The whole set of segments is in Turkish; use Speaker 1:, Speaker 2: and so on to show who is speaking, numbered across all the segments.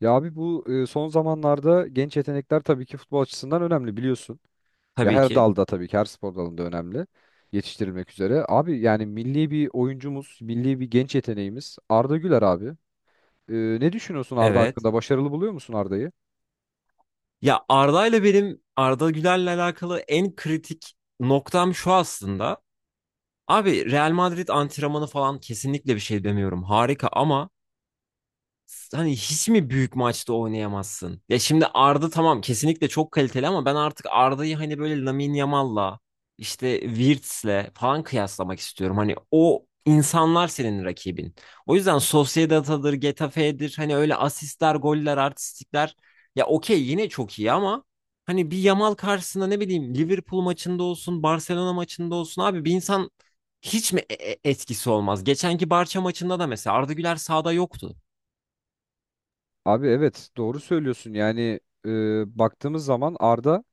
Speaker 1: Ya abi bu son zamanlarda genç yetenekler tabii ki futbol açısından önemli biliyorsun. Ya
Speaker 2: Tabii
Speaker 1: her
Speaker 2: ki.
Speaker 1: dalda tabii ki her spor dalında önemli yetiştirilmek üzere. Abi yani milli bir oyuncumuz, milli bir genç yeteneğimiz Arda Güler abi. E, Ne düşünüyorsun Arda
Speaker 2: Evet.
Speaker 1: hakkında? Başarılı buluyor musun Arda'yı?
Speaker 2: Ya Arda'yla benim Arda Güler'le alakalı en kritik noktam şu aslında. Abi Real Madrid antrenmanı falan kesinlikle bir şey demiyorum. Harika ama hani hiç mi büyük maçta oynayamazsın? Ya şimdi Arda tamam, kesinlikle çok kaliteli ama ben artık Arda'yı hani böyle Lamine Yamal'la işte Wirtz'le falan kıyaslamak istiyorum. Hani o insanlar senin rakibin. O yüzden Sociedad'adır, Getafe'dir hani öyle asistler, goller, artistikler ya okey yine çok iyi ama hani bir Yamal karşısında ne bileyim, Liverpool maçında olsun, Barcelona maçında olsun abi bir insan hiç mi etkisi olmaz? Geçenki Barça maçında da mesela Arda Güler sahada yoktu.
Speaker 1: Abi evet doğru söylüyorsun. Yani baktığımız zaman Arda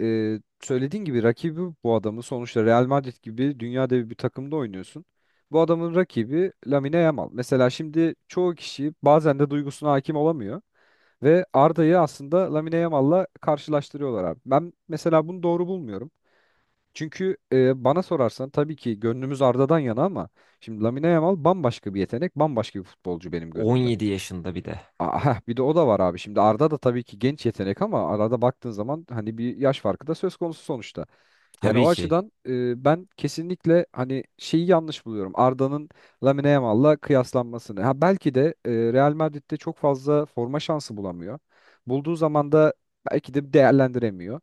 Speaker 1: söylediğin gibi rakibi bu adamın sonuçta Real Madrid gibi dünya devi bir takımda oynuyorsun. Bu adamın rakibi Lamine Yamal. Mesela şimdi çoğu kişi bazen de duygusuna hakim olamıyor ve Arda'yı aslında Lamine Yamal'la karşılaştırıyorlar abi. Ben mesela bunu doğru bulmuyorum. Çünkü bana sorarsan tabii ki gönlümüz Arda'dan yana ama şimdi Lamine Yamal bambaşka bir yetenek, bambaşka bir futbolcu benim gözümde.
Speaker 2: 17 yaşında bir de.
Speaker 1: Aa, heh, bir de o da var abi. Şimdi Arda da tabii ki genç yetenek ama arada baktığın zaman hani bir yaş farkı da söz konusu sonuçta. Yani
Speaker 2: Tabii
Speaker 1: o
Speaker 2: ki.
Speaker 1: açıdan ben kesinlikle hani şeyi yanlış buluyorum. Arda'nın Lamine Yamal'la kıyaslanmasını. Ha belki de Real Madrid'de çok fazla forma şansı bulamıyor. Bulduğu zaman da belki de değerlendiremiyor.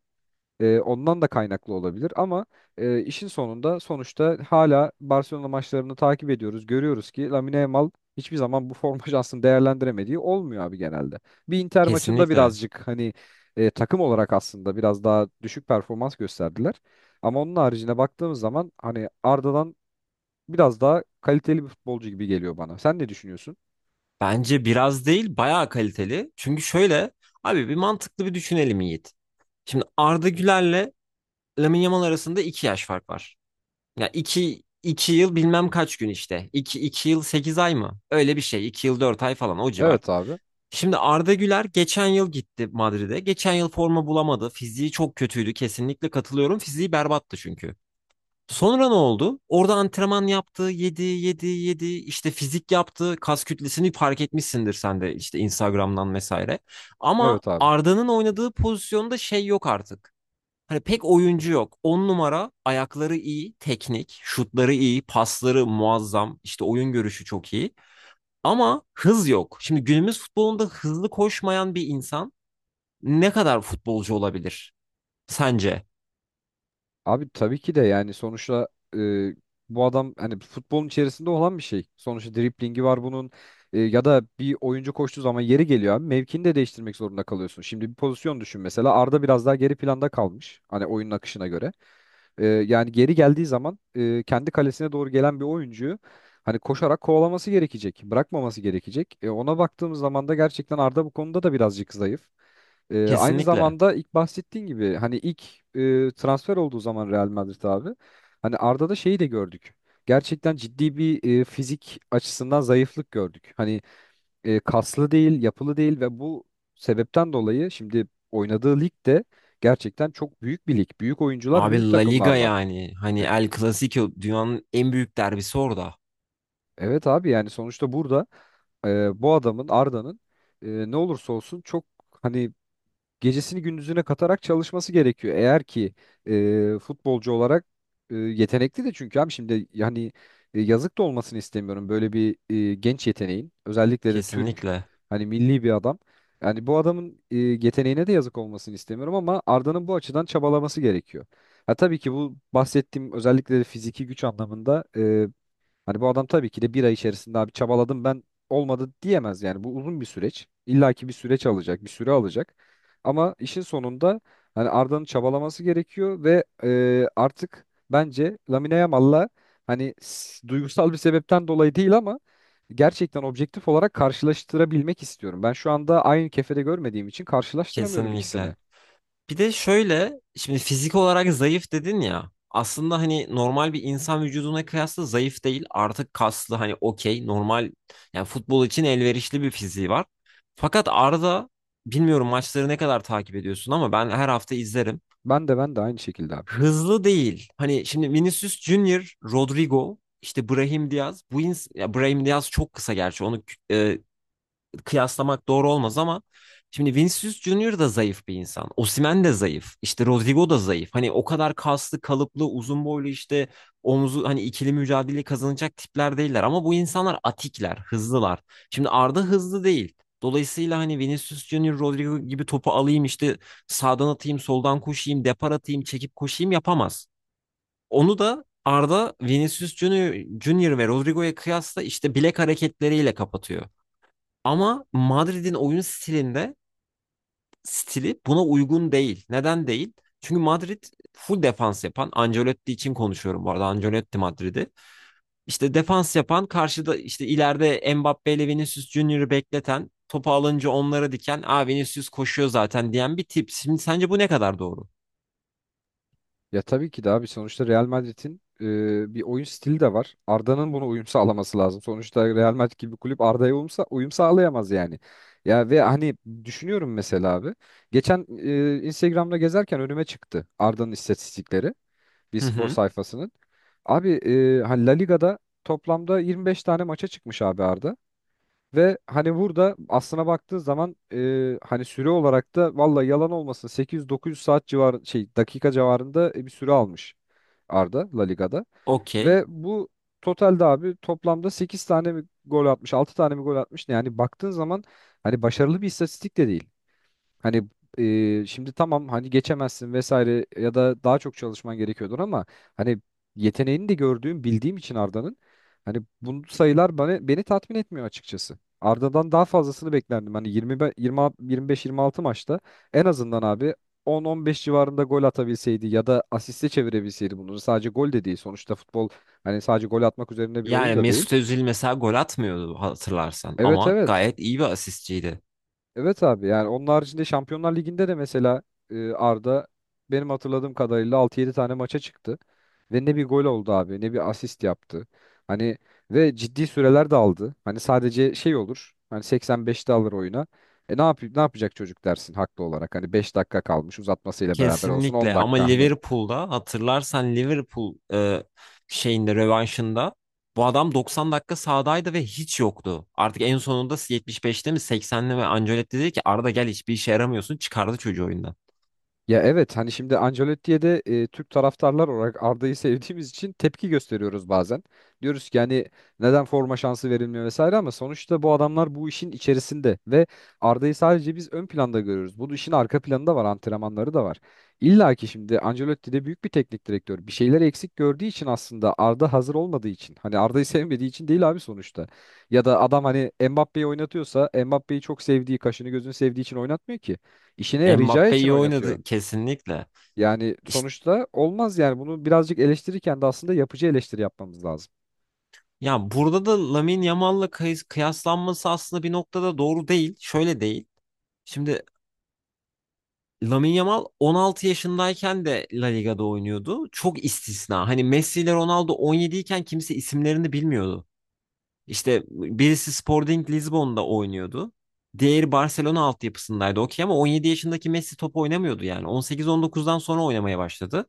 Speaker 1: Ondan da kaynaklı olabilir ama işin sonunda sonuçta hala Barcelona maçlarını takip ediyoruz. Görüyoruz ki Lamine Yamal hiçbir zaman bu forma şansını değerlendiremediği olmuyor abi genelde. Bir Inter maçında
Speaker 2: Kesinlikle.
Speaker 1: birazcık hani takım olarak aslında biraz daha düşük performans gösterdiler. Ama onun haricine baktığımız zaman hani Arda'dan biraz daha kaliteli bir futbolcu gibi geliyor bana. Sen ne düşünüyorsun?
Speaker 2: Bence biraz değil, bayağı kaliteli. Çünkü şöyle, abi bir mantıklı bir düşünelim Yiğit. Şimdi Arda Güler'le Lamine Yamal arasında 2 yaş fark var. Ya iki yıl bilmem kaç gün işte. 2 iki yıl 8 ay mı? Öyle bir şey. 2 yıl 4 ay falan o civar.
Speaker 1: Evet abi.
Speaker 2: Şimdi Arda Güler geçen yıl gitti Madrid'e. Geçen yıl forma bulamadı. Fiziği çok kötüydü. Kesinlikle katılıyorum. Fiziği berbattı çünkü. Sonra ne oldu? Orada antrenman yaptı, yedi, yedi, yedi. İşte fizik yaptı, kas kütlesini fark etmişsindir sen de işte Instagram'dan vesaire. Ama
Speaker 1: Evet abi.
Speaker 2: Arda'nın oynadığı pozisyonda şey yok artık. Hani pek oyuncu yok. 10 numara, ayakları iyi, teknik, şutları iyi, pasları muazzam, işte oyun görüşü çok iyi. Ama hız yok. Şimdi günümüz futbolunda hızlı koşmayan bir insan ne kadar futbolcu olabilir sence?
Speaker 1: Abi tabii ki de yani sonuçta e, bu adam hani futbolun içerisinde olan bir şey. Sonuçta driplingi var bunun. Ya da bir oyuncu koştuğu zaman yeri geliyor abi mevkini de değiştirmek zorunda kalıyorsun. Şimdi bir pozisyon düşün mesela Arda biraz daha geri planda kalmış hani oyunun akışına göre. Yani geri geldiği zaman kendi kalesine doğru gelen bir oyuncuyu hani koşarak kovalaması gerekecek, bırakmaması gerekecek. Ona baktığımız zaman da gerçekten Arda bu konuda da birazcık zayıf. Aynı
Speaker 2: Kesinlikle.
Speaker 1: zamanda ilk bahsettiğin gibi hani ilk transfer olduğu zaman Real Madrid abi hani Arda'da şeyi de gördük. Gerçekten ciddi bir fizik açısından zayıflık gördük. Hani kaslı değil, yapılı değil ve bu sebepten dolayı şimdi oynadığı lig de gerçekten çok büyük bir lig. Büyük oyuncular,
Speaker 2: Abi
Speaker 1: büyük
Speaker 2: La
Speaker 1: takımlar
Speaker 2: Liga
Speaker 1: var.
Speaker 2: yani. Hani
Speaker 1: E,
Speaker 2: El Clasico dünyanın en büyük derbisi orada.
Speaker 1: evet abi yani sonuçta burada bu adamın Arda'nın ne olursa olsun çok hani gecesini gündüzüne katarak çalışması gerekiyor. Eğer ki futbolcu olarak yetenekli de çünkü abi şimdi yani yazık da olmasını istemiyorum böyle bir genç yeteneğin özellikle de Türk
Speaker 2: Kesinlikle.
Speaker 1: hani milli bir adam. Yani bu adamın yeteneğine de yazık olmasını istemiyorum ama Arda'nın bu açıdan çabalaması gerekiyor. Ha tabii ki bu bahsettiğim özellikle de fiziki güç anlamında hani bu adam tabii ki de bir ay içerisinde abi çabaladım ben olmadı diyemez yani. Bu uzun bir süreç. İlla ki bir süreç alacak, bir süre alacak. Ama işin sonunda hani Arda'nın çabalaması gerekiyor ve artık bence Lamine Yamal'la hani duygusal bir sebepten dolayı değil ama gerçekten objektif olarak karşılaştırabilmek istiyorum. Ben şu anda aynı kefede görmediğim için karşılaştıramıyorum
Speaker 2: Kesinlikle.
Speaker 1: ikisini.
Speaker 2: Bir de şöyle, şimdi fizik olarak zayıf dedin ya. Aslında hani normal bir insan vücuduna kıyasla zayıf değil. Artık kaslı, hani okey normal, yani futbol için elverişli bir fiziği var. Fakat Arda, bilmiyorum maçları ne kadar takip ediyorsun ama ben her hafta izlerim,
Speaker 1: Ben de ben de aynı şekilde abi.
Speaker 2: hızlı değil. Hani şimdi Vinicius Junior, Rodrigo, işte Brahim Diaz. Bu ins ya Brahim Diaz çok kısa gerçi. Onu e, kıyaslamak doğru olmaz ama şimdi Vinicius Junior da zayıf bir insan. Osimhen de zayıf. İşte Rodrigo da zayıf. Hani o kadar kaslı, kalıplı, uzun boylu işte omuzu hani ikili mücadele kazanacak tipler değiller ama bu insanlar atikler, hızlılar. Şimdi Arda hızlı değil. Dolayısıyla hani Vinicius Junior, Rodrigo gibi topu alayım işte sağdan atayım, soldan koşayım, depar atayım, çekip koşayım yapamaz. Onu da Arda Vinicius Junior, Junior ve Rodrigo'ya kıyasla işte bilek hareketleriyle kapatıyor. Ama Madrid'in oyun stilinde stili buna uygun değil. Neden değil? Çünkü Madrid full defans yapan, Ancelotti için konuşuyorum bu arada, Ancelotti Madrid'i. İşte defans yapan, karşıda işte ileride Mbappe ile Vinicius Junior'ı bekleten, topu alınca onlara diken, "Aa, Vinicius koşuyor zaten." diyen bir tip. Şimdi sence bu ne kadar doğru?
Speaker 1: Ya tabii ki de abi sonuçta Real Madrid'in bir oyun stili de var. Arda'nın buna uyum sağlaması lazım. Sonuçta Real Madrid gibi bir kulüp Arda'ya uyum sağlayamaz yani. Ya ve hani düşünüyorum mesela abi. Geçen Instagram'da gezerken önüme çıktı Arda'nın istatistikleri. Bir
Speaker 2: Hı
Speaker 1: spor
Speaker 2: hı.
Speaker 1: sayfasının. Abi hani La Liga'da toplamda 25 tane maça çıkmış abi Arda. Ve hani burada aslına baktığın zaman hani süre olarak da valla yalan olmasın 800-900 saat civar şey dakika civarında bir süre almış. Arda La Liga'da.
Speaker 2: Okey.
Speaker 1: Ve bu totalde abi toplamda 8 tane mi gol atmış, 6 tane mi gol atmış ne? Yani baktığın zaman hani başarılı bir istatistik de değil. Hani şimdi tamam hani geçemezsin vesaire ya da daha çok çalışman gerekiyordur ama hani yeteneğini de gördüğüm bildiğim için Arda'nın hani bu sayılar beni tatmin etmiyor açıkçası. Arda'dan daha fazlasını beklerdim. Hani 20, 25-26 maçta en azından abi 10-15 civarında gol atabilseydi ya da asiste çevirebilseydi bunları sadece gol de değil. Sonuçta futbol hani sadece gol atmak üzerine bir oyun
Speaker 2: Yani
Speaker 1: da değil.
Speaker 2: Mesut Özil mesela gol atmıyordu hatırlarsan
Speaker 1: Evet,
Speaker 2: ama
Speaker 1: evet.
Speaker 2: gayet iyi bir asistçiydi.
Speaker 1: Evet abi yani onun haricinde Şampiyonlar Ligi'nde de mesela Arda benim hatırladığım kadarıyla altı yedi tane maça çıktı. Ve ne bir gol oldu abi ne bir asist yaptı. Hani ve ciddi süreler de aldı. Hani sadece şey olur. Hani 85'te alır oyuna. E ne yapıyor ne yapacak çocuk dersin haklı olarak. Hani 5 dakika kalmış uzatmasıyla beraber olsun 10
Speaker 2: Kesinlikle ama
Speaker 1: dakika hani.
Speaker 2: Liverpool'da hatırlarsan Liverpool şeyinde, rövanşında bu adam 90 dakika sahadaydı ve hiç yoktu. Artık en sonunda 75'te mi seksenli mi, Ancelotti dedi ki Arda gel hiçbir işe yaramıyorsun, çıkardı çocuğu oyundan.
Speaker 1: Ya evet hani şimdi Ancelotti'ye de Türk taraftarlar olarak Arda'yı sevdiğimiz için tepki gösteriyoruz bazen. Diyoruz ki yani neden forma şansı verilmiyor vesaire ama sonuçta bu adamlar bu işin içerisinde ve Arda'yı sadece biz ön planda görüyoruz. Bu işin arka planı da var, antrenmanları da var. İlla ki şimdi Ancelotti de büyük bir teknik direktör. Bir şeyler eksik gördüğü için aslında Arda hazır olmadığı için. Hani Arda'yı sevmediği için değil abi sonuçta. Ya da adam hani Mbappé'yi oynatıyorsa Mbappé'yi çok sevdiği, kaşını gözünü sevdiği için oynatmıyor ki. İşine yarayacağı
Speaker 2: Mbappe
Speaker 1: için
Speaker 2: iyi
Speaker 1: oynatıyor.
Speaker 2: oynadı kesinlikle.
Speaker 1: Yani
Speaker 2: İşte
Speaker 1: sonuçta olmaz yani bunu birazcık eleştirirken de aslında yapıcı eleştiri yapmamız lazım.
Speaker 2: ya burada da Lamine Yamal'la kıyaslanması aslında bir noktada doğru değil. Şöyle değil. Şimdi Lamine Yamal 16 yaşındayken de La Liga'da oynuyordu. Çok istisna. Hani Messi ile Ronaldo 17 iken kimse isimlerini bilmiyordu. İşte birisi Sporting Lisbon'da oynuyordu. Diğeri Barcelona altyapısındaydı, okey, ama 17 yaşındaki Messi top oynamıyordu yani. 18-19'dan sonra oynamaya başladı.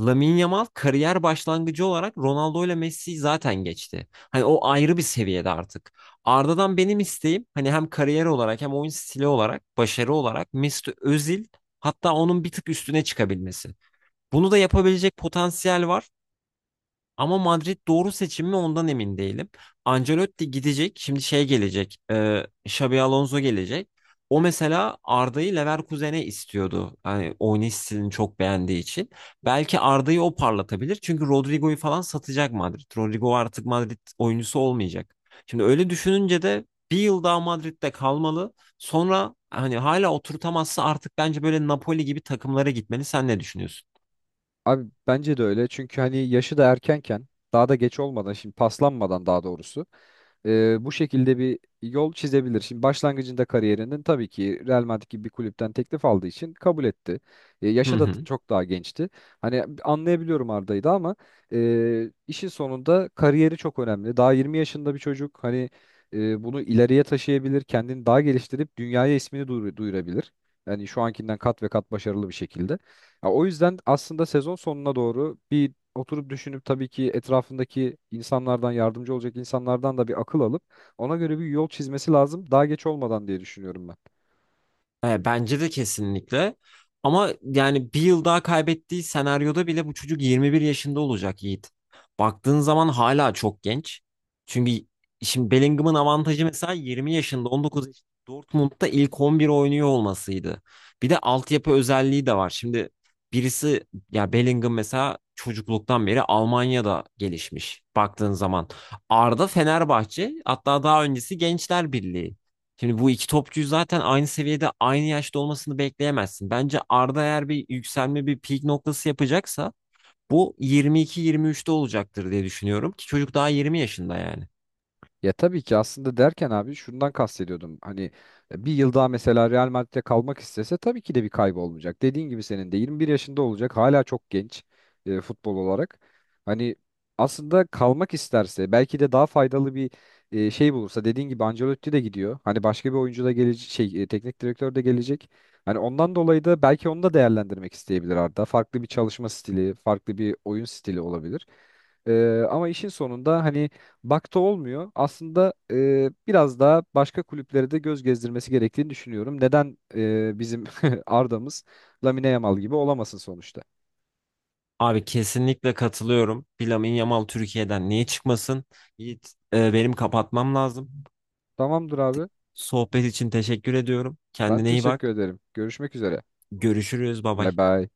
Speaker 2: Lamine Yamal kariyer başlangıcı olarak Ronaldo ile Messi'yi zaten geçti. Hani o ayrı bir seviyede artık. Arda'dan benim isteğim hani hem kariyer olarak hem oyun stili olarak, başarı olarak Mesut Özil, hatta onun bir tık üstüne çıkabilmesi. Bunu da yapabilecek potansiyel var. Ama Madrid doğru seçim mi ondan emin değilim. Ancelotti gidecek. Şimdi şey gelecek. E, Xabi Alonso gelecek. O mesela Arda'yı Leverkusen'e istiyordu. Hani oynayış stilini çok beğendiği için. Belki Arda'yı o parlatabilir. Çünkü Rodrigo'yu falan satacak Madrid. Rodrigo artık Madrid oyuncusu olmayacak. Şimdi öyle düşününce de bir yıl daha Madrid'de kalmalı. Sonra hani hala oturtamazsa artık bence böyle Napoli gibi takımlara gitmeli. Sen ne düşünüyorsun?
Speaker 1: Abi bence de öyle çünkü hani yaşı da erkenken daha da geç olmadan şimdi paslanmadan daha doğrusu bu şekilde bir yol çizebilir. Şimdi başlangıcında kariyerinin tabii ki Real Madrid gibi bir kulüpten teklif aldığı için kabul etti.
Speaker 2: Hı
Speaker 1: Yaşı da
Speaker 2: hı.
Speaker 1: çok daha gençti. Hani anlayabiliyorum Arda'yı da ama işin sonunda kariyeri çok önemli. Daha 20 yaşında bir çocuk hani bunu ileriye taşıyabilir, kendini daha geliştirip dünyaya ismini duyurabilir. Yani şu ankinden kat ve kat başarılı bir şekilde. Ya o yüzden aslında sezon sonuna doğru bir oturup düşünüp tabii ki etrafındaki insanlardan yardımcı olacak insanlardan da bir akıl alıp ona göre bir yol çizmesi lazım daha geç olmadan diye düşünüyorum ben.
Speaker 2: E, bence de kesinlikle. Ama yani bir yıl daha kaybettiği senaryoda bile bu çocuk 21 yaşında olacak Yiğit. Baktığın zaman hala çok genç. Çünkü şimdi Bellingham'ın avantajı mesela 20 yaşında, 19 yaşında Dortmund'da ilk 11 oynuyor olmasıydı. Bir de altyapı özelliği de var. Şimdi birisi, ya Bellingham mesela çocukluktan beri Almanya'da gelişmiş baktığın zaman. Arda Fenerbahçe, hatta daha öncesi Gençler Birliği. Şimdi bu iki topçuyu zaten aynı seviyede aynı yaşta olmasını bekleyemezsin. Bence Arda eğer bir yükselme, bir peak noktası yapacaksa bu 22-23'te olacaktır diye düşünüyorum ki çocuk daha 20 yaşında yani.
Speaker 1: Ya tabii ki aslında derken abi şundan kastediyordum. Hani bir yıl daha mesela Real Madrid'de kalmak istese tabii ki de bir kaybı olmayacak. Dediğin gibi senin de 21 yaşında olacak. Hala çok genç futbol olarak. Hani aslında kalmak isterse belki de daha faydalı bir şey bulursa dediğin gibi Ancelotti de gidiyor. Hani başka bir oyuncu da gelecek şey teknik direktör de gelecek. Hani ondan dolayı da belki onu da değerlendirmek isteyebilir Arda. Farklı bir çalışma stili, farklı bir oyun stili olabilir. Ama işin sonunda hani bakta olmuyor. Aslında biraz daha başka kulüplere de göz gezdirmesi gerektiğini düşünüyorum. Neden bizim Arda'mız Lamine Yamal gibi olamasın sonuçta?
Speaker 2: Abi kesinlikle katılıyorum. Bir Lamine Yamal Türkiye'den niye çıkmasın? Yiğit, benim kapatmam lazım.
Speaker 1: Tamamdır abi.
Speaker 2: Sohbet için teşekkür ediyorum.
Speaker 1: Ben
Speaker 2: Kendine iyi
Speaker 1: teşekkür
Speaker 2: bak.
Speaker 1: ederim. Görüşmek üzere.
Speaker 2: Görüşürüz. Bay
Speaker 1: Bay
Speaker 2: bay.
Speaker 1: bay.